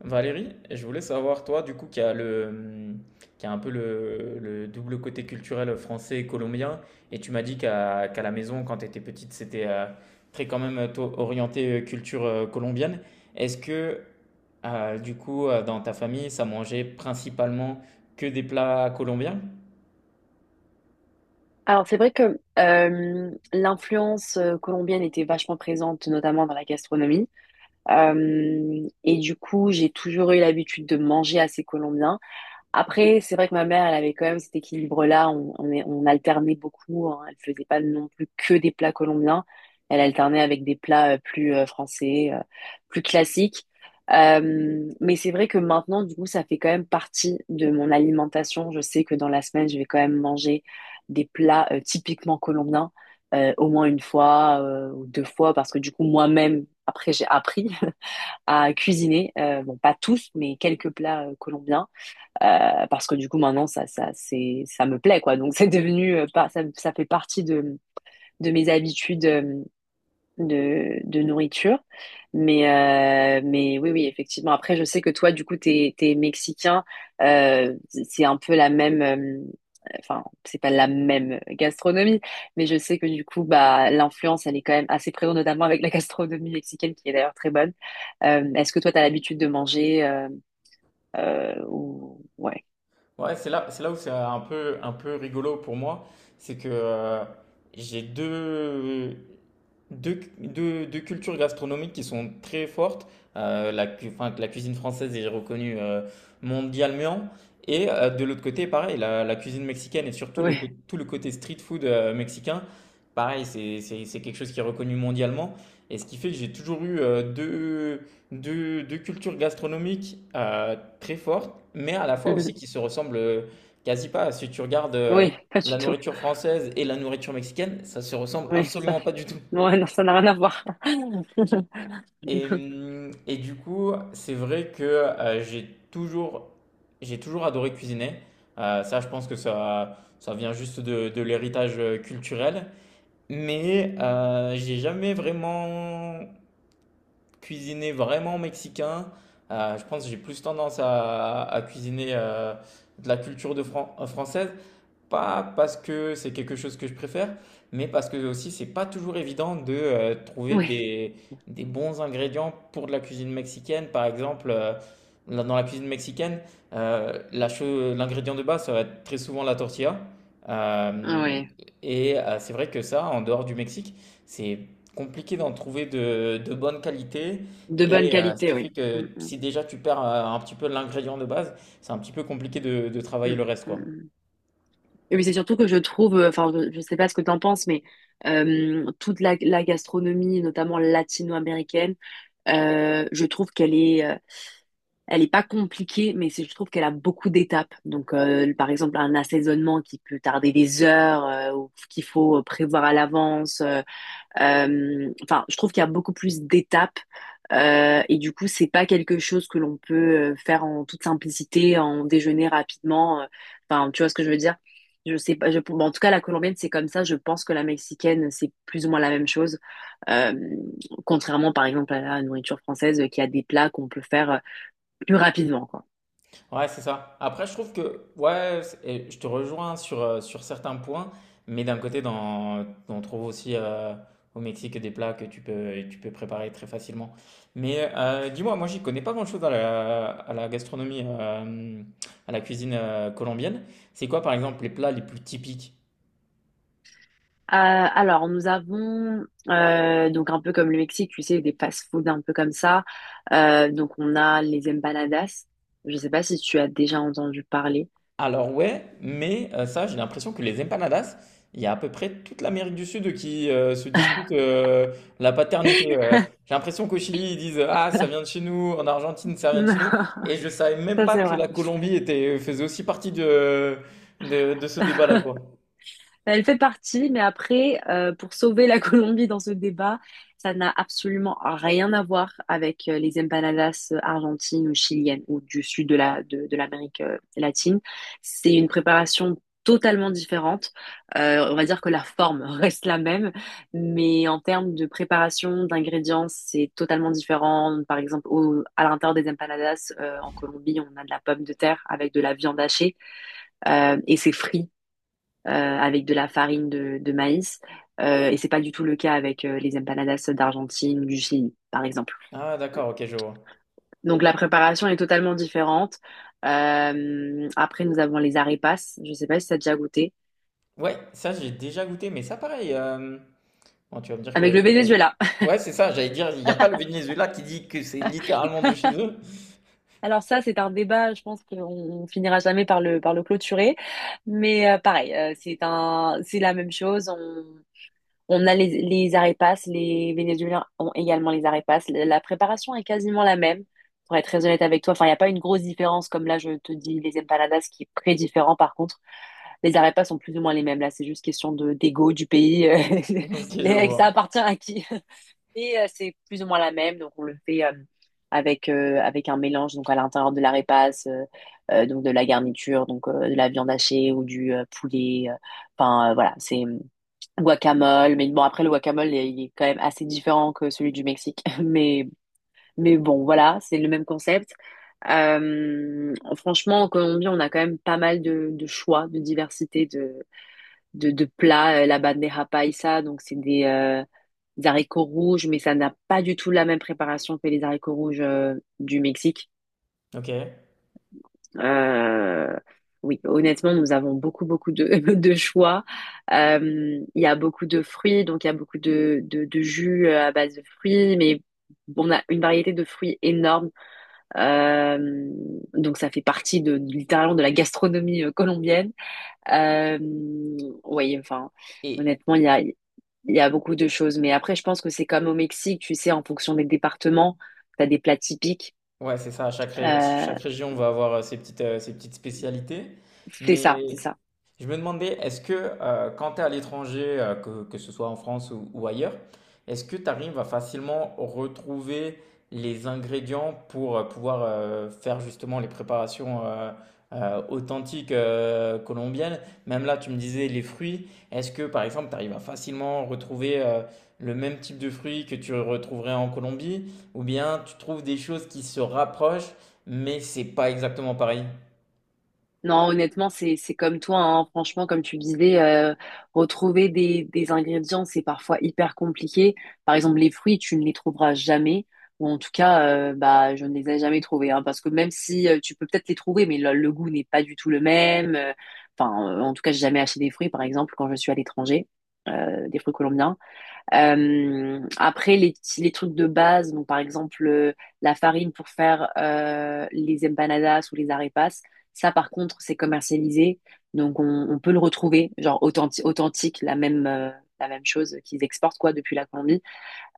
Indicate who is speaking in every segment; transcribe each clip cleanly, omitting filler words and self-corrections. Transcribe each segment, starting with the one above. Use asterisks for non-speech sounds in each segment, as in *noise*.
Speaker 1: Valérie, je voulais savoir, toi, du coup, qui a qui a un peu le double côté culturel français et colombien, et tu m'as dit qu'à la maison, quand tu étais petite, c'était très quand même toi, orienté culture colombienne. Est-ce que, du coup, dans ta famille, ça mangeait principalement que des plats colombiens?
Speaker 2: Alors, c'est vrai que l'influence colombienne était vachement présente, notamment dans la gastronomie. Et du coup, j'ai toujours eu l'habitude de manger assez colombien. Après, c'est vrai que ma mère, elle avait quand même cet équilibre-là. On alternait beaucoup, hein. Elle faisait pas non plus que des plats colombiens. Elle alternait avec des plats plus français, plus classiques. Mais c'est vrai que maintenant, du coup, ça fait quand même partie de mon alimentation. Je sais que dans la semaine, je vais quand même manger des plats typiquement colombiens, au moins une fois ou deux fois, parce que du coup, moi-même, après, j'ai appris *laughs* à cuisiner. Bon, pas tous, mais quelques plats colombiens. Parce que du coup maintenant ça me plaît quoi, donc *laughs* c'est devenu pas ça, ça fait partie de mes habitudes de nourriture. Mais oui, oui, effectivement, après je sais que toi, du coup, t'es mexicain, euh, c'est un peu la même, enfin, c'est pas la même gastronomie, mais je sais que du coup, bah, l'influence, elle est quand même assez présente, notamment avec la gastronomie mexicaine, qui est d'ailleurs très bonne. Est-ce que toi, t'as l'habitude de manger ou... Ouais.
Speaker 1: Ouais, c'est là où c'est un peu rigolo pour moi, c'est que j'ai deux cultures gastronomiques qui sont très fortes. Enfin, la cuisine française est reconnue mondialement. Et de l'autre côté, pareil, la cuisine mexicaine et surtout
Speaker 2: Oui.
Speaker 1: tout le côté street food mexicain, pareil, c'est quelque chose qui est reconnu mondialement. Et ce qui fait que j'ai toujours eu deux cultures gastronomiques très fortes, mais à la fois aussi qui
Speaker 2: *laughs*
Speaker 1: se ressemblent quasi pas. Si tu regardes
Speaker 2: Oui, pas du
Speaker 1: la
Speaker 2: tout.
Speaker 1: nourriture française et la nourriture mexicaine, ça se ressemble
Speaker 2: Oui, ça,
Speaker 1: absolument pas du tout.
Speaker 2: ouais, non, ça n'a rien à voir. *laughs*
Speaker 1: Et du coup, c'est vrai que j'ai toujours adoré cuisiner. Ça, je pense que ça vient juste de l'héritage culturel. Mais j'ai jamais vraiment cuisiné vraiment mexicain. Je pense que j'ai plus tendance à cuisiner de la culture de française pas parce que c'est quelque chose que je préfère, mais parce que aussi c'est pas toujours évident de
Speaker 2: Oui,
Speaker 1: trouver
Speaker 2: oui.
Speaker 1: des bons ingrédients pour de la cuisine mexicaine. Par exemple, là, dans la cuisine mexicaine, euh, l'ingrédient de base, ça va être très souvent la tortilla. Euh, et c'est vrai que ça, en dehors du Mexique, c'est compliqué d'en trouver de bonne qualité.
Speaker 2: De bonne
Speaker 1: Et ce
Speaker 2: qualité,
Speaker 1: qui fait
Speaker 2: oui. Mm,
Speaker 1: que
Speaker 2: mm,
Speaker 1: si déjà tu perds un petit peu l'ingrédient de base, c'est un petit peu compliqué de
Speaker 2: mm,
Speaker 1: travailler le reste,
Speaker 2: mm,
Speaker 1: quoi.
Speaker 2: mm. Et puis c'est surtout que je trouve, enfin, je sais pas ce que t'en penses, mais toute la gastronomie, notamment latino-américaine, je trouve qu'elle est, elle est pas compliquée, mais je trouve qu'elle a beaucoup d'étapes. Donc, par exemple, un assaisonnement qui peut tarder des heures, ou qu'il faut prévoir à l'avance. Enfin, je trouve qu'il y a beaucoup plus d'étapes et du coup, c'est pas quelque chose que l'on peut faire en toute simplicité, en déjeuner rapidement. Enfin, tu vois ce que je veux dire? Je sais pas. Bon, en tout cas, la colombienne, c'est comme ça. Je pense que la mexicaine, c'est plus ou moins la même chose. Euh, contrairement, par exemple, à la nourriture française, qui a des plats qu'on peut faire plus rapidement, quoi.
Speaker 1: Ouais, c'est ça. Après, je trouve que, ouais, et je te rejoins sur, sur certains points, mais d'un côté, on trouve aussi au Mexique des plats que tu peux préparer très facilement. Mais dis-moi, moi, j'y connais pas grand-chose à la gastronomie, à la cuisine colombienne. C'est quoi, par exemple, les plats les plus typiques?
Speaker 2: Alors, nous avons, donc un peu comme le Mexique, tu sais, des fast-food un peu comme ça. Donc, on a les empanadas. Je sais pas si tu as déjà entendu parler.
Speaker 1: Alors ouais, mais ça, j'ai l'impression que les empanadas, il y a à peu près toute l'Amérique du Sud qui se dispute
Speaker 2: *laughs*
Speaker 1: la paternité. J'ai l'impression qu'au Chili, ils disent ah ça vient de chez nous, en Argentine ça vient de
Speaker 2: Non,
Speaker 1: chez nous, et je savais même
Speaker 2: ça
Speaker 1: pas
Speaker 2: c'est
Speaker 1: que
Speaker 2: vrai.
Speaker 1: la Colombie était faisait aussi partie de de ce débat-là quoi.
Speaker 2: Bah, elle fait partie, mais après, pour sauver la *laughs* Colombie dans ce débat, ça n'a absolument rien à voir avec les empanadas argentines ou chiliennes ou du sud de de l'Amérique latine. C'est une préparation totalement différente. On va dire que la forme *laughs* reste la même, mais en termes de préparation, d'ingrédients, c'est totalement différent. Par exemple, à l'intérieur des empanadas, en Colombie, on a de la pomme de terre avec de la viande hachée et c'est frit avec de la farine de maïs. Et c'est pas du tout le cas avec les empanadas d'Argentine ou du Chili, par exemple.
Speaker 1: Ah d'accord, ok, je vois.
Speaker 2: Donc la préparation est totalement différente. Après, nous avons les arepas. Je sais pas si ça a déjà goûté.
Speaker 1: Ouais, ça j'ai déjà goûté, mais ça pareil. Bon, tu vas me dire
Speaker 2: Avec le
Speaker 1: que...
Speaker 2: Venezuela. *laughs*
Speaker 1: ouais c'est ça. J'allais dire il n'y a pas le Venezuela qui dit que c'est littéralement de chez eux.
Speaker 2: Alors ça, c'est un débat, je pense qu'on finira jamais par le clôturer. Mais pareil, c'est la même chose. On a les arepas, les Vénézuéliens ont également les arepas. La préparation est quasiment la même, pour être très honnête avec toi. Enfin, il n'y a pas une grosse différence, comme là, je te dis, les empanadas, qui est très différent par contre. Les arepas sont plus ou moins les mêmes. Là, c'est juste question de d'ego du pays.
Speaker 1: *laughs*
Speaker 2: *laughs*
Speaker 1: Ok, je
Speaker 2: Ça
Speaker 1: vois.
Speaker 2: appartient à qui. *laughs* C'est plus ou moins la même, donc on le fait avec, avec un mélange, donc à l'intérieur de l'arepas, donc de la garniture, donc de la viande hachée ou du poulet. Enfin, voilà, c'est... Guacamole, mais bon, après, le guacamole, il est quand même assez différent que celui du Mexique. *laughs* Mais bon, voilà, c'est le même concept. Franchement, en Colombie, on a quand même pas mal de choix, de diversité de plats. La bandeja paisa, donc c'est des haricots rouges, mais ça n'a pas du tout la même préparation que les haricots rouges du Mexique.
Speaker 1: Ok.
Speaker 2: Euh, oui, honnêtement, nous avons beaucoup, beaucoup de, *laughs* de choix. Il y a beaucoup de fruits, donc il y a beaucoup de, de jus à base de fruits, mais on a une variété de fruits énorme. Euh, donc ça fait partie de, littéralement de la gastronomie colombienne. Euh, oui, enfin,
Speaker 1: Et,
Speaker 2: honnêtement, il y a beaucoup de choses. Mais après, je pense que c'est comme au Mexique, tu sais, en fonction des départements, tu as des plats typiques.
Speaker 1: ouais, c'est ça.
Speaker 2: Euh,
Speaker 1: Chaque région va avoir euh, ses petites spécialités.
Speaker 2: c'est ça, c'est
Speaker 1: Mais
Speaker 2: ça.
Speaker 1: je me demandais, est-ce que quand tu es à l'étranger, que ce soit en France ou ailleurs, est-ce que tu arrives à facilement retrouver les ingrédients pour pouvoir faire justement les préparations authentiques colombiennes? Même là, tu me disais les fruits. Est-ce que, par exemple, tu arrives à facilement retrouver le même type de fruits que tu retrouverais en Colombie? Ou bien tu trouves des choses qui se rapprochent, mais c'est pas exactement pareil.
Speaker 2: Non, honnêtement, c'est comme toi, hein. Franchement, comme tu disais, retrouver des ingrédients, c'est parfois hyper compliqué. Par exemple, les fruits, tu ne les trouveras jamais. Ou en tout cas, bah, je ne les ai jamais trouvés, hein, parce que même si tu peux peut-être les trouver, mais le goût n'est pas du tout le même. Enfin, en tout cas, j'ai jamais acheté des fruits, par exemple, quand je suis à l'étranger, des fruits colombiens. Après, les trucs de base, donc par exemple la farine pour faire les empanadas ou les arepas, ça par contre, c'est commercialisé. Donc on peut le retrouver, genre authentique, la même chose qu'ils exportent quoi depuis la Colombie.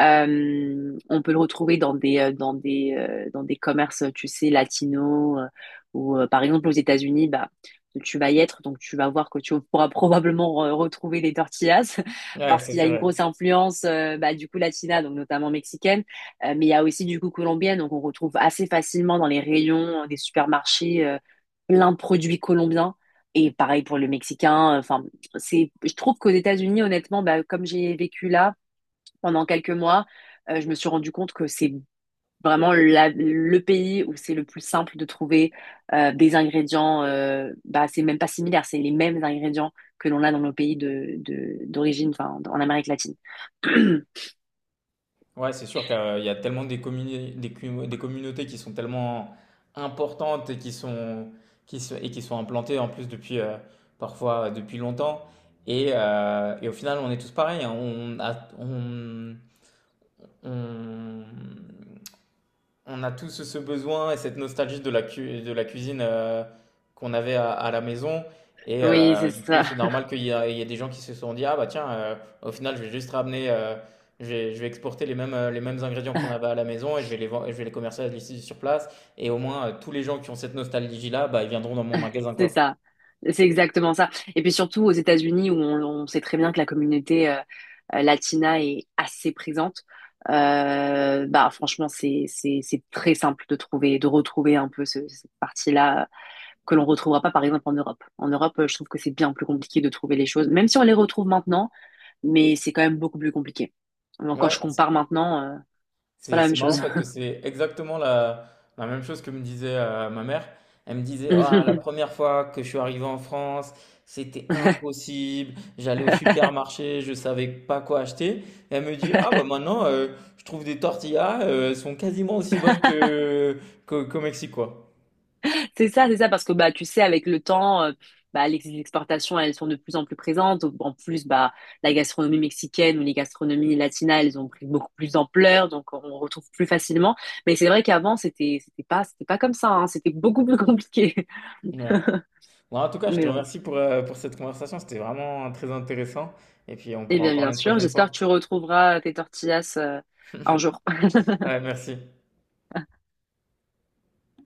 Speaker 2: On peut le retrouver dans des, dans des commerces, tu sais, latinos, ou par exemple aux États-Unis, bah, tu vas y être, donc tu vas voir que tu *laughs* pourras probablement retrouver les tortillas, *laughs*
Speaker 1: Ouais, ça,
Speaker 2: parce
Speaker 1: c'est
Speaker 2: qu'il y a une
Speaker 1: vrai.
Speaker 2: grosse influence, bah, du coup, latina, donc notamment mexicaine. Mais il y a aussi du coup colombienne, donc on retrouve assez facilement dans les rayons des supermarchés plein de produits colombiens. Et pareil pour le mexicain. Enfin, c'est, je trouve qu'aux États-Unis, honnêtement, bah, comme j'ai vécu là, pendant quelques mois, je me suis rendu compte que c'est vraiment le pays où c'est le plus simple de trouver des ingrédients, bah, c'est même pas similaire, c'est les mêmes ingrédients que l'on a dans nos pays de, d'origine, enfin, en Amérique latine. *clears throat*
Speaker 1: Ouais, c'est sûr qu'il y a tellement des, communi- des, cu- des communautés qui sont tellement importantes et qui sont implantées en plus depuis parfois depuis longtemps. Et au final, on est tous pareils, hein. On, On a tous ce besoin et cette nostalgie de la de la cuisine, qu'on avait à la maison et
Speaker 2: Oui, c'est
Speaker 1: du coup,
Speaker 2: ça.
Speaker 1: c'est normal qu'il y a il y ait des gens qui se sont dit: «Ah bah tiens, heu, au final, je vais juste ramener, je vais exporter les mêmes ingrédients qu'on avait à
Speaker 2: *laughs*
Speaker 1: la maison et je vais les commercialiser ici sur place», et au moins, tous les gens qui ont cette nostalgie-là, bah, ils viendront dans mon magasin,
Speaker 2: C'est
Speaker 1: quoi.
Speaker 2: ça. C'est exactement ça. Et puis surtout aux États-Unis, où on sait très bien que la communauté latina est assez présente, bah franchement, c'est très simple de trouver, de retrouver un peu cette partie-là que l'on retrouvera pas, par exemple, en Europe. En Europe, je trouve que c'est bien plus compliqué de trouver les choses, même si on les retrouve maintenant, mais c'est quand même beaucoup plus compliqué. Donc, quand
Speaker 1: Ouais,
Speaker 2: je compare maintenant, c'est pas
Speaker 1: C'est
Speaker 2: la même
Speaker 1: c'est marrant
Speaker 2: chose.
Speaker 1: parce que c'est exactement la même chose que me disait ma mère. Elle me disait, ah, la
Speaker 2: *laughs*
Speaker 1: première fois que je suis arrivé en France, c'était impossible. J'allais au supermarché, je savais pas quoi acheter. Et elle me dit, ah bah maintenant, je trouve des tortillas, elles sont quasiment aussi bonnes qu'au Mexique, quoi.
Speaker 2: C'est ça, parce que bah tu sais, avec le temps, bah, les exportations, elles sont de plus en plus présentes. En plus, bah la gastronomie mexicaine ou les gastronomies latinas, elles ont pris beaucoup plus d'ampleur, donc on retrouve plus facilement. Mais c'est vrai qu'avant, c'était pas comme ça, hein, c'était beaucoup plus compliqué.
Speaker 1: Ouais.
Speaker 2: *laughs*
Speaker 1: Bon, en tout cas, je te
Speaker 2: Mais bon.
Speaker 1: remercie pour cette conversation. C'était vraiment très intéressant. Et puis, on
Speaker 2: Eh
Speaker 1: pourra en
Speaker 2: bien, bien
Speaker 1: parler une
Speaker 2: sûr,
Speaker 1: prochaine
Speaker 2: j'espère que
Speaker 1: fois.
Speaker 2: tu retrouveras tes tortillas un
Speaker 1: *laughs*
Speaker 2: jour. *laughs*
Speaker 1: Ouais, merci.